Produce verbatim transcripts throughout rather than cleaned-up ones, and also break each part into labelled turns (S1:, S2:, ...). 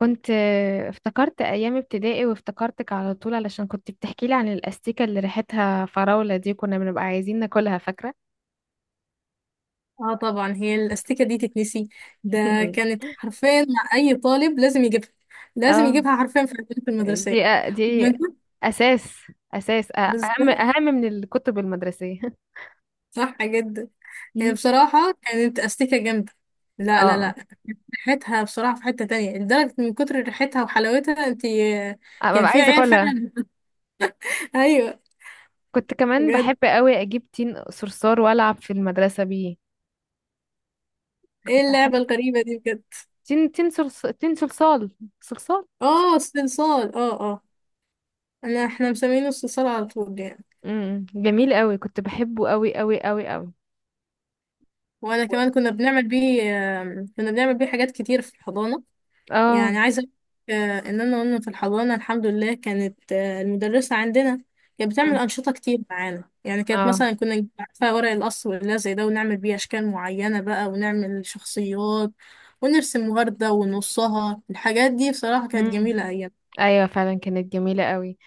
S1: كنت آه، افتكرت ايام ابتدائي وافتكرتك على طول علشان كنت بتحكي لي عن الاستيكه اللي ريحتها فراوله دي، كنا بنبقى عايزين ناكلها فاكره.
S2: اه طبعا هي الاستيكه دي تتنسي ده كانت حرفيا مع اي طالب لازم يجيبها لازم
S1: اه،
S2: يجيبها حرفيا في البنك المدرسيه.
S1: دي آه، دي
S2: ومن كتر-
S1: اساس اساس آه، اهم
S2: بالظبط،
S1: اهم من الكتب المدرسيه.
S2: صح جدا. هي
S1: مم.
S2: بصراحه كانت استيكه جامده. لا لا
S1: اه،
S2: لا، ريحتها بصراحه في حته تانية لدرجه من كتر ريحتها وحلاوتها انت
S1: آه،
S2: كان
S1: ببقى
S2: في
S1: عايزه
S2: عيال
S1: اكلها.
S2: فعلا. ايوه،
S1: كنت كمان
S2: بجد؟
S1: بحب قوي اجيب تين صرصار والعب في المدرسه بيه.
S2: ايه
S1: كنت احب
S2: اللعبه الغريبه دي بجد؟
S1: تين تين صرص تين صلصال. صلصال.
S2: اه استئصال، اه اه انا احنا مسمينه استئصال على طول يعني.
S1: امم جميل قوي، كنت بحبه قوي قوي قوي قوي.
S2: وانا كمان كنا بنعمل بيه، آم، كنا بنعمل بيه حاجات كتير في الحضانه.
S1: اه،
S2: يعني عايزة أقولك، آه، إن أنا وأنا في الحضانة الحمد لله كانت، آه، المدرسة عندنا كانت بتعمل أنشطة كتير معانا، يعني كانت
S1: اه.
S2: مثلا كنا نجيب، عارفة، ورق القص واللزق زي ده ونعمل بيه أشكال معينة بقى ونعمل شخصيات ونرسم وردة ونصها. الحاجات دي بصراحة كانت
S1: امم،
S2: جميلة أيام.
S1: ايوه فعلا كانت جميله قوي.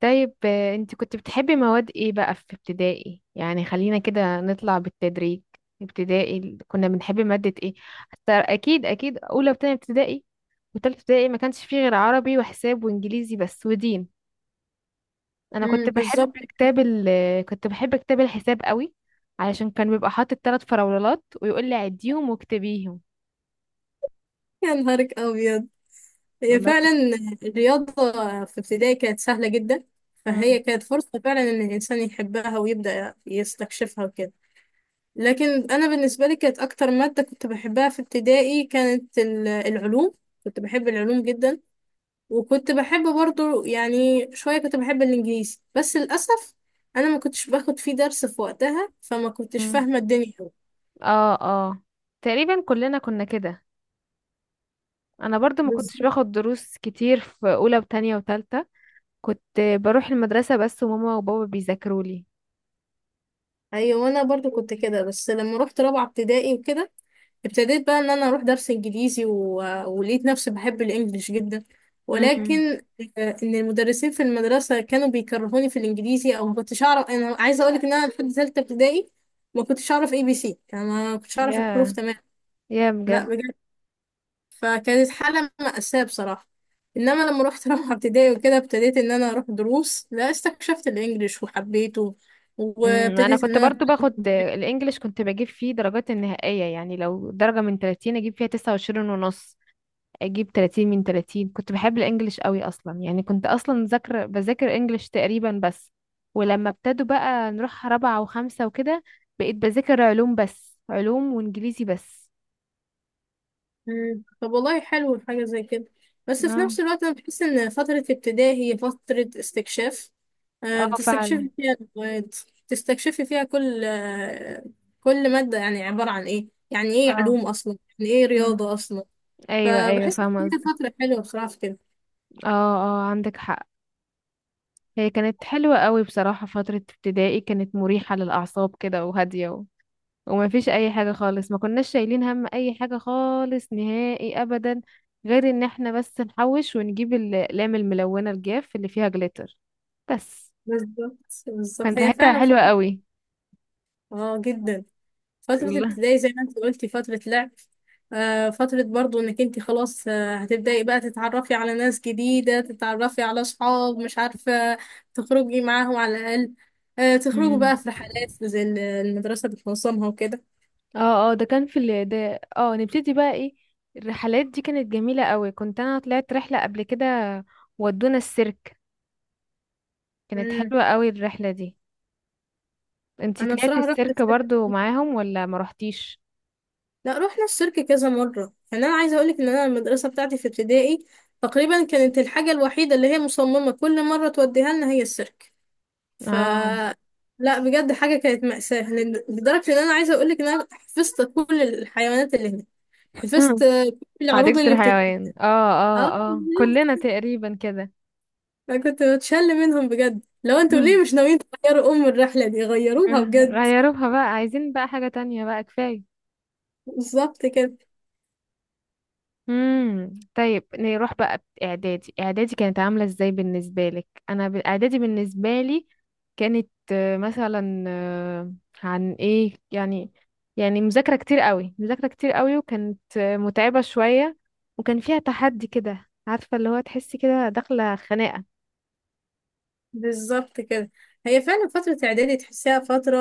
S1: طيب، آه، انت كنت بتحبي مواد ايه بقى في ابتدائي؟ يعني خلينا كده نطلع بالتدريج. ابتدائي ال- كنا بنحب ماده ايه؟ حتى اكيد اكيد اولى وتانية ابتدائي وتالتة ابتدائي ما كانش فيه غير عربي وحساب وانجليزي بس ودين. انا
S2: امم
S1: كنت بحب
S2: بالظبط.
S1: كتاب ال آه، كنت بحب كتاب الحساب قوي، علشان كان بيبقى حاطط ثلاث فراولات ويقول لي عديهم واكتبيهم.
S2: يا نهارك أبيض! هي
S1: والله
S2: فعلا
S1: كنت-
S2: الرياضة في ابتدائي كانت سهلة جدا، فهي
S1: مم.
S2: كانت فرصة فعلا إن الإنسان يحبها ويبدأ يستكشفها وكده. لكن انا بالنسبه لي كانت اكتر ماده كنت بحبها في ابتدائي كانت ال- العلوم. كنت بحب العلوم جدا. وكنت بحب برضو، يعني شويه كنت بحب الانجليزي، بس للاسف انا ما كنتش باخد فيه درس في وقتها فما كنتش
S1: مم.
S2: فاهمه الدنيا أوي.
S1: اه، اه، تقريبا كلنا كنا كده. انا برضو ما كنتش
S2: بالظبط.
S1: باخد دروس كتير في اولى وتانية وتالتة، كنت بروح المدرسة بس وماما وبابا بيذاكروا لي.
S2: ايوه، وانا برضو كنت كده، بس لما رحت رابعه ابتدائي وكده ابتديت بقى ان انا اروح درس انجليزي و... ولقيت نفسي بحب الانجليش جدا.
S1: امم.
S2: ولكن آه، ان المدرسين في المدرسه كانوا بيكرهوني في الانجليزي، او ما كنتش اعرف. انا عايزه اقول لك ان انا لحد ثالثه ابتدائي ما كنتش اعرف اي بي سي، يعني ما كنتش اعرف الحروف
S1: يا،
S2: تمام.
S1: يا
S2: لا
S1: بجد.
S2: بجد. فكانت حاله مأساة بصراحه. انما لما رحت رابعه ابتدائي وكده ابتديت ان انا اروح دروس، لا استكشفت الانجليش وحبيته،
S1: امم، انا
S2: وابتديت ان
S1: كنت
S2: انا
S1: برضو باخد
S2: أتعلم.
S1: الانجليش، كنت بجيب فيه درجات النهائية. يعني لو درجة من ثلاثين اجيب فيها تسع وعشرين ونص، اجيب ثلاثين من ثلاثين. كنت بحب الانجليش قوي اصلا. يعني كنت اصلا ذاكر بذاكر انجليش تقريبا بس. ولما ابتدوا بقى نروح رابعة وخمسة وكده، بقيت بذاكر علوم بس، علوم وانجليزي بس.
S2: مم. طب والله حلو حاجة زي كده. بس في
S1: اه،
S2: نفس الوقت أنا بحس إن فترة ابتدائي هي فترة استكشاف. آه،
S1: اه فعلا.
S2: بتستكشفي فيها المواد، بتستكشفي فيها كل آه، كل مادة، يعني عبارة عن إيه، يعني إيه
S1: اه.
S2: علوم أصلا، يعني إيه
S1: مم.
S2: رياضة أصلا.
S1: ايوه، ايوه،
S2: فبحس
S1: فاهمه
S2: إن هي
S1: قصدك.
S2: فترة حلوة بصراحة في كده.
S1: اه، اه، عندك حق. هي كانت حلوه قوي بصراحه. فتره ابتدائي كانت مريحه للاعصاب كده وهاديه، و... وما فيش اي حاجه خالص. ما كناش شايلين هم اي حاجه خالص نهائي ابدا، غير ان احنا بس نحوش ونجيب ال- الاقلام الملونه الجاف اللي فيها جليتر بس.
S2: بالظبط بالظبط،
S1: كانت
S2: هي
S1: ريحتها
S2: فعلا
S1: حلوه
S2: فترة
S1: قوي.
S2: آه جدا. فترة
S1: الله.
S2: ابتدائي زي ما انت قلتي فترة لعب، آه، فترة برضو انك انت خلاص، آه، هتبدأي بقى تتعرفي على ناس جديدة، تتعرفي على صحاب مش عارفة تخرجي معاهم على الأقل، آه، تخرجوا
S1: مم.
S2: بقى في رحلات زي ال- المدرسة بتنظمها وكده.
S1: اه، اه، ده كان في ال... ده اه نبتدي بقى ايه. الرحلات دي كانت جميلة قوي. كنت انا طلعت رحلة قبل كده، ودونا السيرك. كانت
S2: مم.
S1: حلوة قوي الرحلة دي. انتي
S2: انا
S1: طلعتي
S2: بصراحة رحت
S1: السيرك
S2: السيرك-
S1: برضو معاهم ولا ما روحتيش؟
S2: لا رحنا السيرك كذا مرة. يعني انا عايزة اقولك ان انا المدرسة بتاعتي في ابتدائي تقريبا كانت الحاجة الوحيدة اللي هي مصممة كل مرة توديها لنا هي السيرك. ف
S1: اه.
S2: لا بجد حاجة كانت مأساة، لأن- لدرجة إن أنا عايزة أقولك إن أنا حفظت كل الحيوانات اللي هناك، حفظت كل العروض
S1: حديقة
S2: اللي
S1: الحيوان.
S2: بتتقدم.
S1: اه،
S2: اه.
S1: اه، اه، كلنا تقريبا كده.
S2: فكنت بتشل منهم بجد، لو انتوا ليه مش ناويين تغيروا أم الرحلة دي غيروها بجد.
S1: غيروها بقى، عايزين بقى حاجة تانية بقى، كفاية.
S2: بالظبط كده.
S1: امم، طيب، نروح بقى اعدادي. اعدادي كانت عامله ازاي بالنسبه لك؟ انا ب- اعدادي بالنسبه لي كانت آه، مثلا، آه، عن ايه يعني؟ يعني مذاكره كتير قوي، مذاكره كتير قوي، وكانت آه، متعبه شويه، وكان فيها تحدي كده عارفه، اللي هو تحسي كده داخله خناقه.
S2: بالظبط كده، هي فعلا فترة إعدادي تحسيها فترة،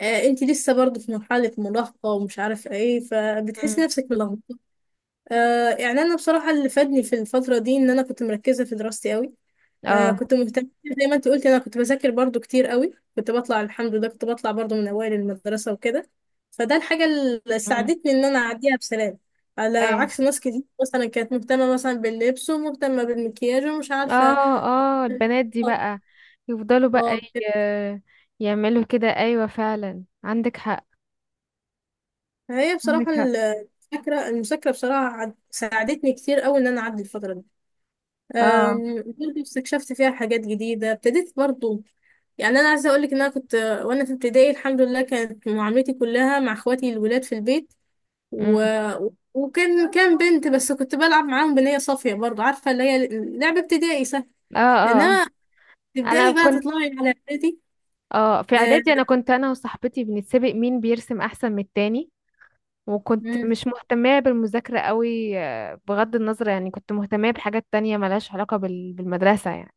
S2: آه انت لسه برضه في مرحلة مراهقة ومش عارفة ايه، فبتحسي
S1: امم.
S2: نفسك ملخبطة. آه يعني أنا بصراحة اللي فادني في الفترة دي إن أنا كنت مركزة في دراستي أوي. آه
S1: اه.
S2: كنت مهتمة زي ما انت قلت، انا كنت بذاكر برضو كتير قوي، كنت بطلع الحمد لله كنت بطلع برضو من اوائل المدرسة وكده، فده الحاجة اللي
S1: امم.
S2: ساعدتني ان انا اعديها بسلام، على
S1: اي.
S2: عكس ناس كتير مثلا كانت مهتمة مثلا باللبس ومهتمة بالمكياج ومش عارفة.
S1: اه، اه، البنات دي
S2: اه
S1: بقى يفضلوا بقى
S2: اه.
S1: ي- يعملوا كده. ايوه فعلا، عندك حق.
S2: هي
S1: عندك
S2: بصراحة
S1: حق.
S2: المذاكرة، المذاكرة بصراحة عد- ساعدتني كتير قوي ان انا اعدي الفترة دي.
S1: اه.
S2: أم، برضه استكشفت فيها حاجات جديدة، ابتديت برضه، يعني أنا عايزة أقولك إن أنا كنت وأنا في ابتدائي الحمد لله كانت معاملتي كلها مع إخواتي الولاد في البيت و...
S1: امم.
S2: وكان كان بنت بس كنت بلعب معاهم بنية صافية، برضه عارفة اللي هي لعبة ابتدائي سهل.
S1: اه، اه.
S2: إنما
S1: انا
S2: تبدأي
S1: دايما
S2: بقى
S1: كنت
S2: تطلعي على إعدادي.
S1: اه في
S2: أه،
S1: اعدادي انا كنت انا وصاحبتي بنتسابق مين بيرسم احسن من التاني. وكنت
S2: مم،
S1: مش مهتمة بالمذاكرة قوي. آه، بغض النظر يعني كنت مهتمة بحاجات تانية ملهاش علاقة بال... بالمدرسة يعني،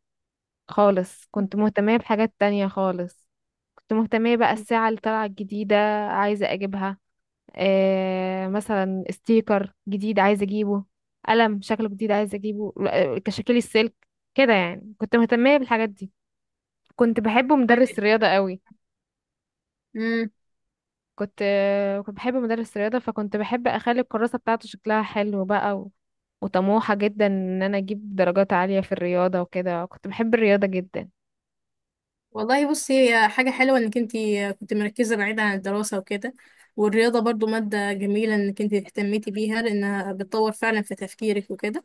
S1: خالص. كنت مهتمة بحاجات تانية خالص. كنت مهتمة بقى الساعة اللي طالعة الجديدة، عايزة اجيبها. آه مثلا ستيكر جديد عايزة اجيبه، قلم شكله جديد عايزة اجيبه، آه، تشكيل السلك. كده يعني كنت مهتمة بالحاجات دي. كنت بحب مدرس
S2: طيب.
S1: رياضة قوي. كنت كنت بحب مدرس رياضة، فكنت بحب اخلي الكراسة بتاعته شكلها حلو بقى، و... وطموحة جدا ان انا اجيب درجات عالية في الرياضة وكده. كنت بحب الرياضة جدا.
S2: والله بصي هي حاجة حلوة انك انتي كنت مركزة بعيد عن الدراسة وكده. والرياضة برضو مادة جميلة انك انتي اهتميتي بيها لانها بتطور فعلا في تفكيرك وكده.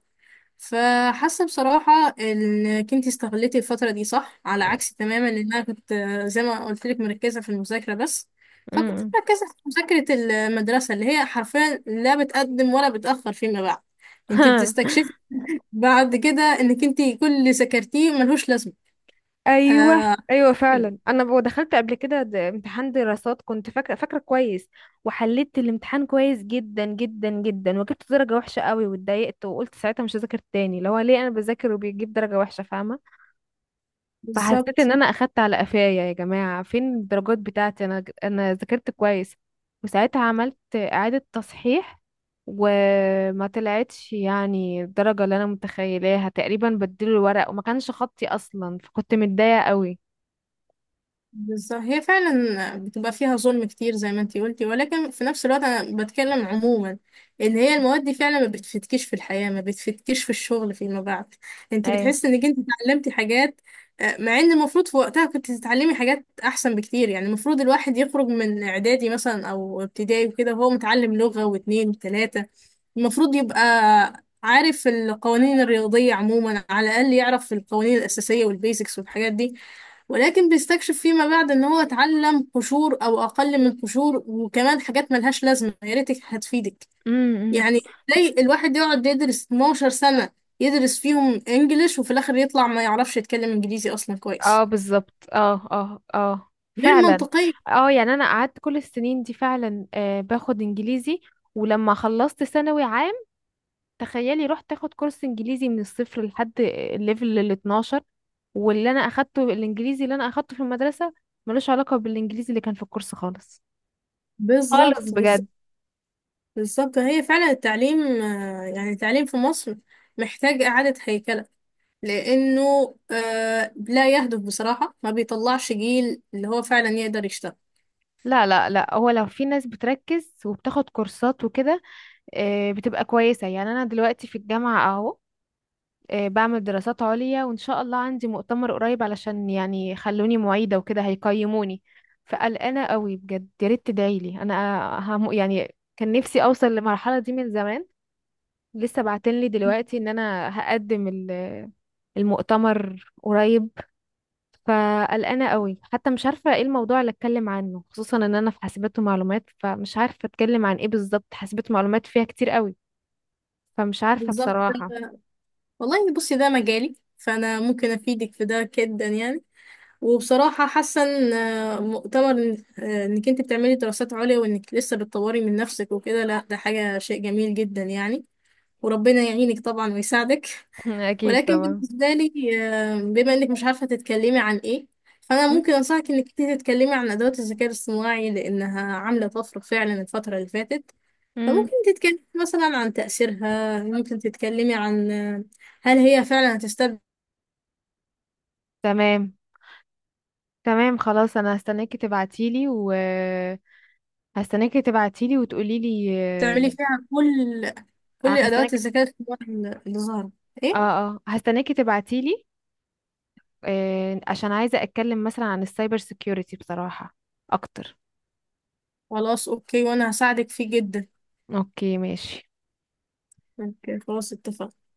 S2: فحاسة بصراحة انك انتي استغلتي الفترة دي صح، على عكس تماما ان انا كنت زي ما قلت لك مركزة في المذاكرة بس، فكنت
S1: امم.
S2: مركزة في مذاكرة المدرسة اللي هي حرفيا لا بتقدم ولا بتأخر فيما بعد. انتي بتستكشفي بعد كده انك انتي كل اللي ذاكرتيه ملهوش لازمة.
S1: ايوه،
S2: آه
S1: ايوه فعلا. انا ب- دخلت قبل كده د- امتحان دراسات كنت فاكره، فاكره كويس. وحليت الامتحان كويس جدا جدا جدا، وجبت درجه وحشه قوي، واتضايقت وقلت ساعتها مش هذاكر تاني. اللي هو ليه انا بذاكر وبيجيب درجه وحشه، فاهمه؟ فحسيت ان
S2: بالظبط
S1: انا اخدت على قفايا. يا جماعه فين الدرجات بتاعتي، انا انا ذاكرت كويس. وساعتها عملت اعاده تصحيح، وما طلعتش يعني الدرجه اللي انا متخيلاها تقريبا. بدلوا الورق وما كانش خطي اصلا، فكنت متضايقه قوي.
S2: بالظبط، هي فعلا بتبقى فيها ظلم كتير زي ما انتي قلتي، ولكن في نفس الوقت انا بتكلم عموما ان هي المواد دي فعلا ما بتفتكيش في الحياة، ما بتفتكيش في الشغل فيما بعد. انتي
S1: ايه.
S2: بتحسي انك انتي اتعلمتي حاجات، آه، مع ان المفروض في وقتها كنت تتعلمي حاجات احسن بكتير. يعني المفروض الواحد يخرج من اعدادي مثلا او ابتدائي وكده وهو متعلم لغة واتنين وتلاتة، المفروض يبقى عارف القوانين الرياضية عموما، على الأقل يعرف القوانين الأساسية والبيزكس والحاجات دي. ولكن بيستكشف فيما بعد ان هو اتعلم قشور او اقل من قشور، وكمان حاجات ملهاش لازمه يا ريتك هتفيدك.
S1: امم.
S2: يعني زي الواحد يقعد يدرس اثنا عشر سنه، يدرس فيهم انجليش وفي الاخر يطلع ما يعرفش يتكلم انجليزي اصلا
S1: اه،
S2: كويس.
S1: بالظبط، اه، اه، اه،
S2: غير
S1: فعلا.
S2: منطقيه.
S1: اه، يعني انا قعدت كل السنين دي فعلا آه باخد انجليزي. ولما خلصت ثانوي عام، تخيلي رحت اخد كورس انجليزي من الصفر لحد الليفل ال اثنا عشر، واللي انا اخدته الانجليزي اللي انا اخدته في المدرسة ملوش علاقة بالانجليزي اللي كان في الكورس خالص. خالص
S2: بالظبط
S1: بجد.
S2: بالظبط. بالظبط هي فعلا التعليم، آه، يعني التعليم في مصر محتاج اعاده هيكله، لانه، آه، لا يهدف بصراحه، ما بيطلعش جيل اللي هو فعلا يقدر يشتغل.
S1: لا، لا، لا، هو لو في ناس بتركز وبتاخد كورسات وكده آه، بتبقى كويسة. يعني انا دلوقتي في الجامعة اهو آه، بعمل دراسات عليا، وان شاء الله عندي مؤتمر قريب علشان يعني خلوني معيدة وكده هيقيموني. فقلقانة قوي بجد، يا ريت تدعيلي. انا هم يعني كان نفسي اوصل للمرحلة دي من زمان. لسه بعتنلي دلوقتي ان انا هقدم ال- المؤتمر قريب. فقلقانه قوي، حتى مش عارفه ايه الموضوع اللي اتكلم عنه، خصوصا ان انا في حاسبات ومعلومات، فمش عارفه اتكلم عن ايه بالظبط. حاسبات ومعلومات فيها كتير قوي، فمش عارفه
S2: بالظبط.
S1: بصراحه.
S2: والله بصي ده مجالي فانا ممكن افيدك في ده جدا يعني. وبصراحة حاسة ان، آه، مؤتمر إن- آه، انك انت بتعملي دراسات عليا وانك لسه بتطوري من نفسك وكده، لا ده حاجة شيء جميل جدا يعني. وربنا يعينك طبعا ويساعدك.
S1: اكيد
S2: ولكن
S1: طبعا.
S2: بالنسبة لي، آه، بما انك مش عارفة تتكلمي عن ايه، فانا
S1: م-
S2: ممكن انصحك انك انت تتكلمي عن ادوات الذكاء الاصطناعي لانها عاملة طفرة فعلا الفترة اللي فاتت.
S1: م.
S2: فممكن تتكلمي مثلا عن تأثيرها، ممكن تتكلمي عن، آه، هل هي فعلا هتستبدل.
S1: تمام، تمام، خلاص انا هستناكي تبعتيلي. و هستناكي تبعتيلي وتقوليلي.
S2: تعملي فيها كل
S1: آه،
S2: كل الأدوات
S1: هستناك.
S2: الذكاء الاصطناعي اللي ظهرت. إيه؟
S1: اه، اه، هستناكي تبعتيلي. آه، عشان عايزة أتكلم مثلا عن السايبر سيكيورتي بصراحة أكتر.
S2: خلاص أوكي، وأنا هساعدك فيه جدا.
S1: أوكي ماشي.
S2: أوكي خلاص اتفقنا.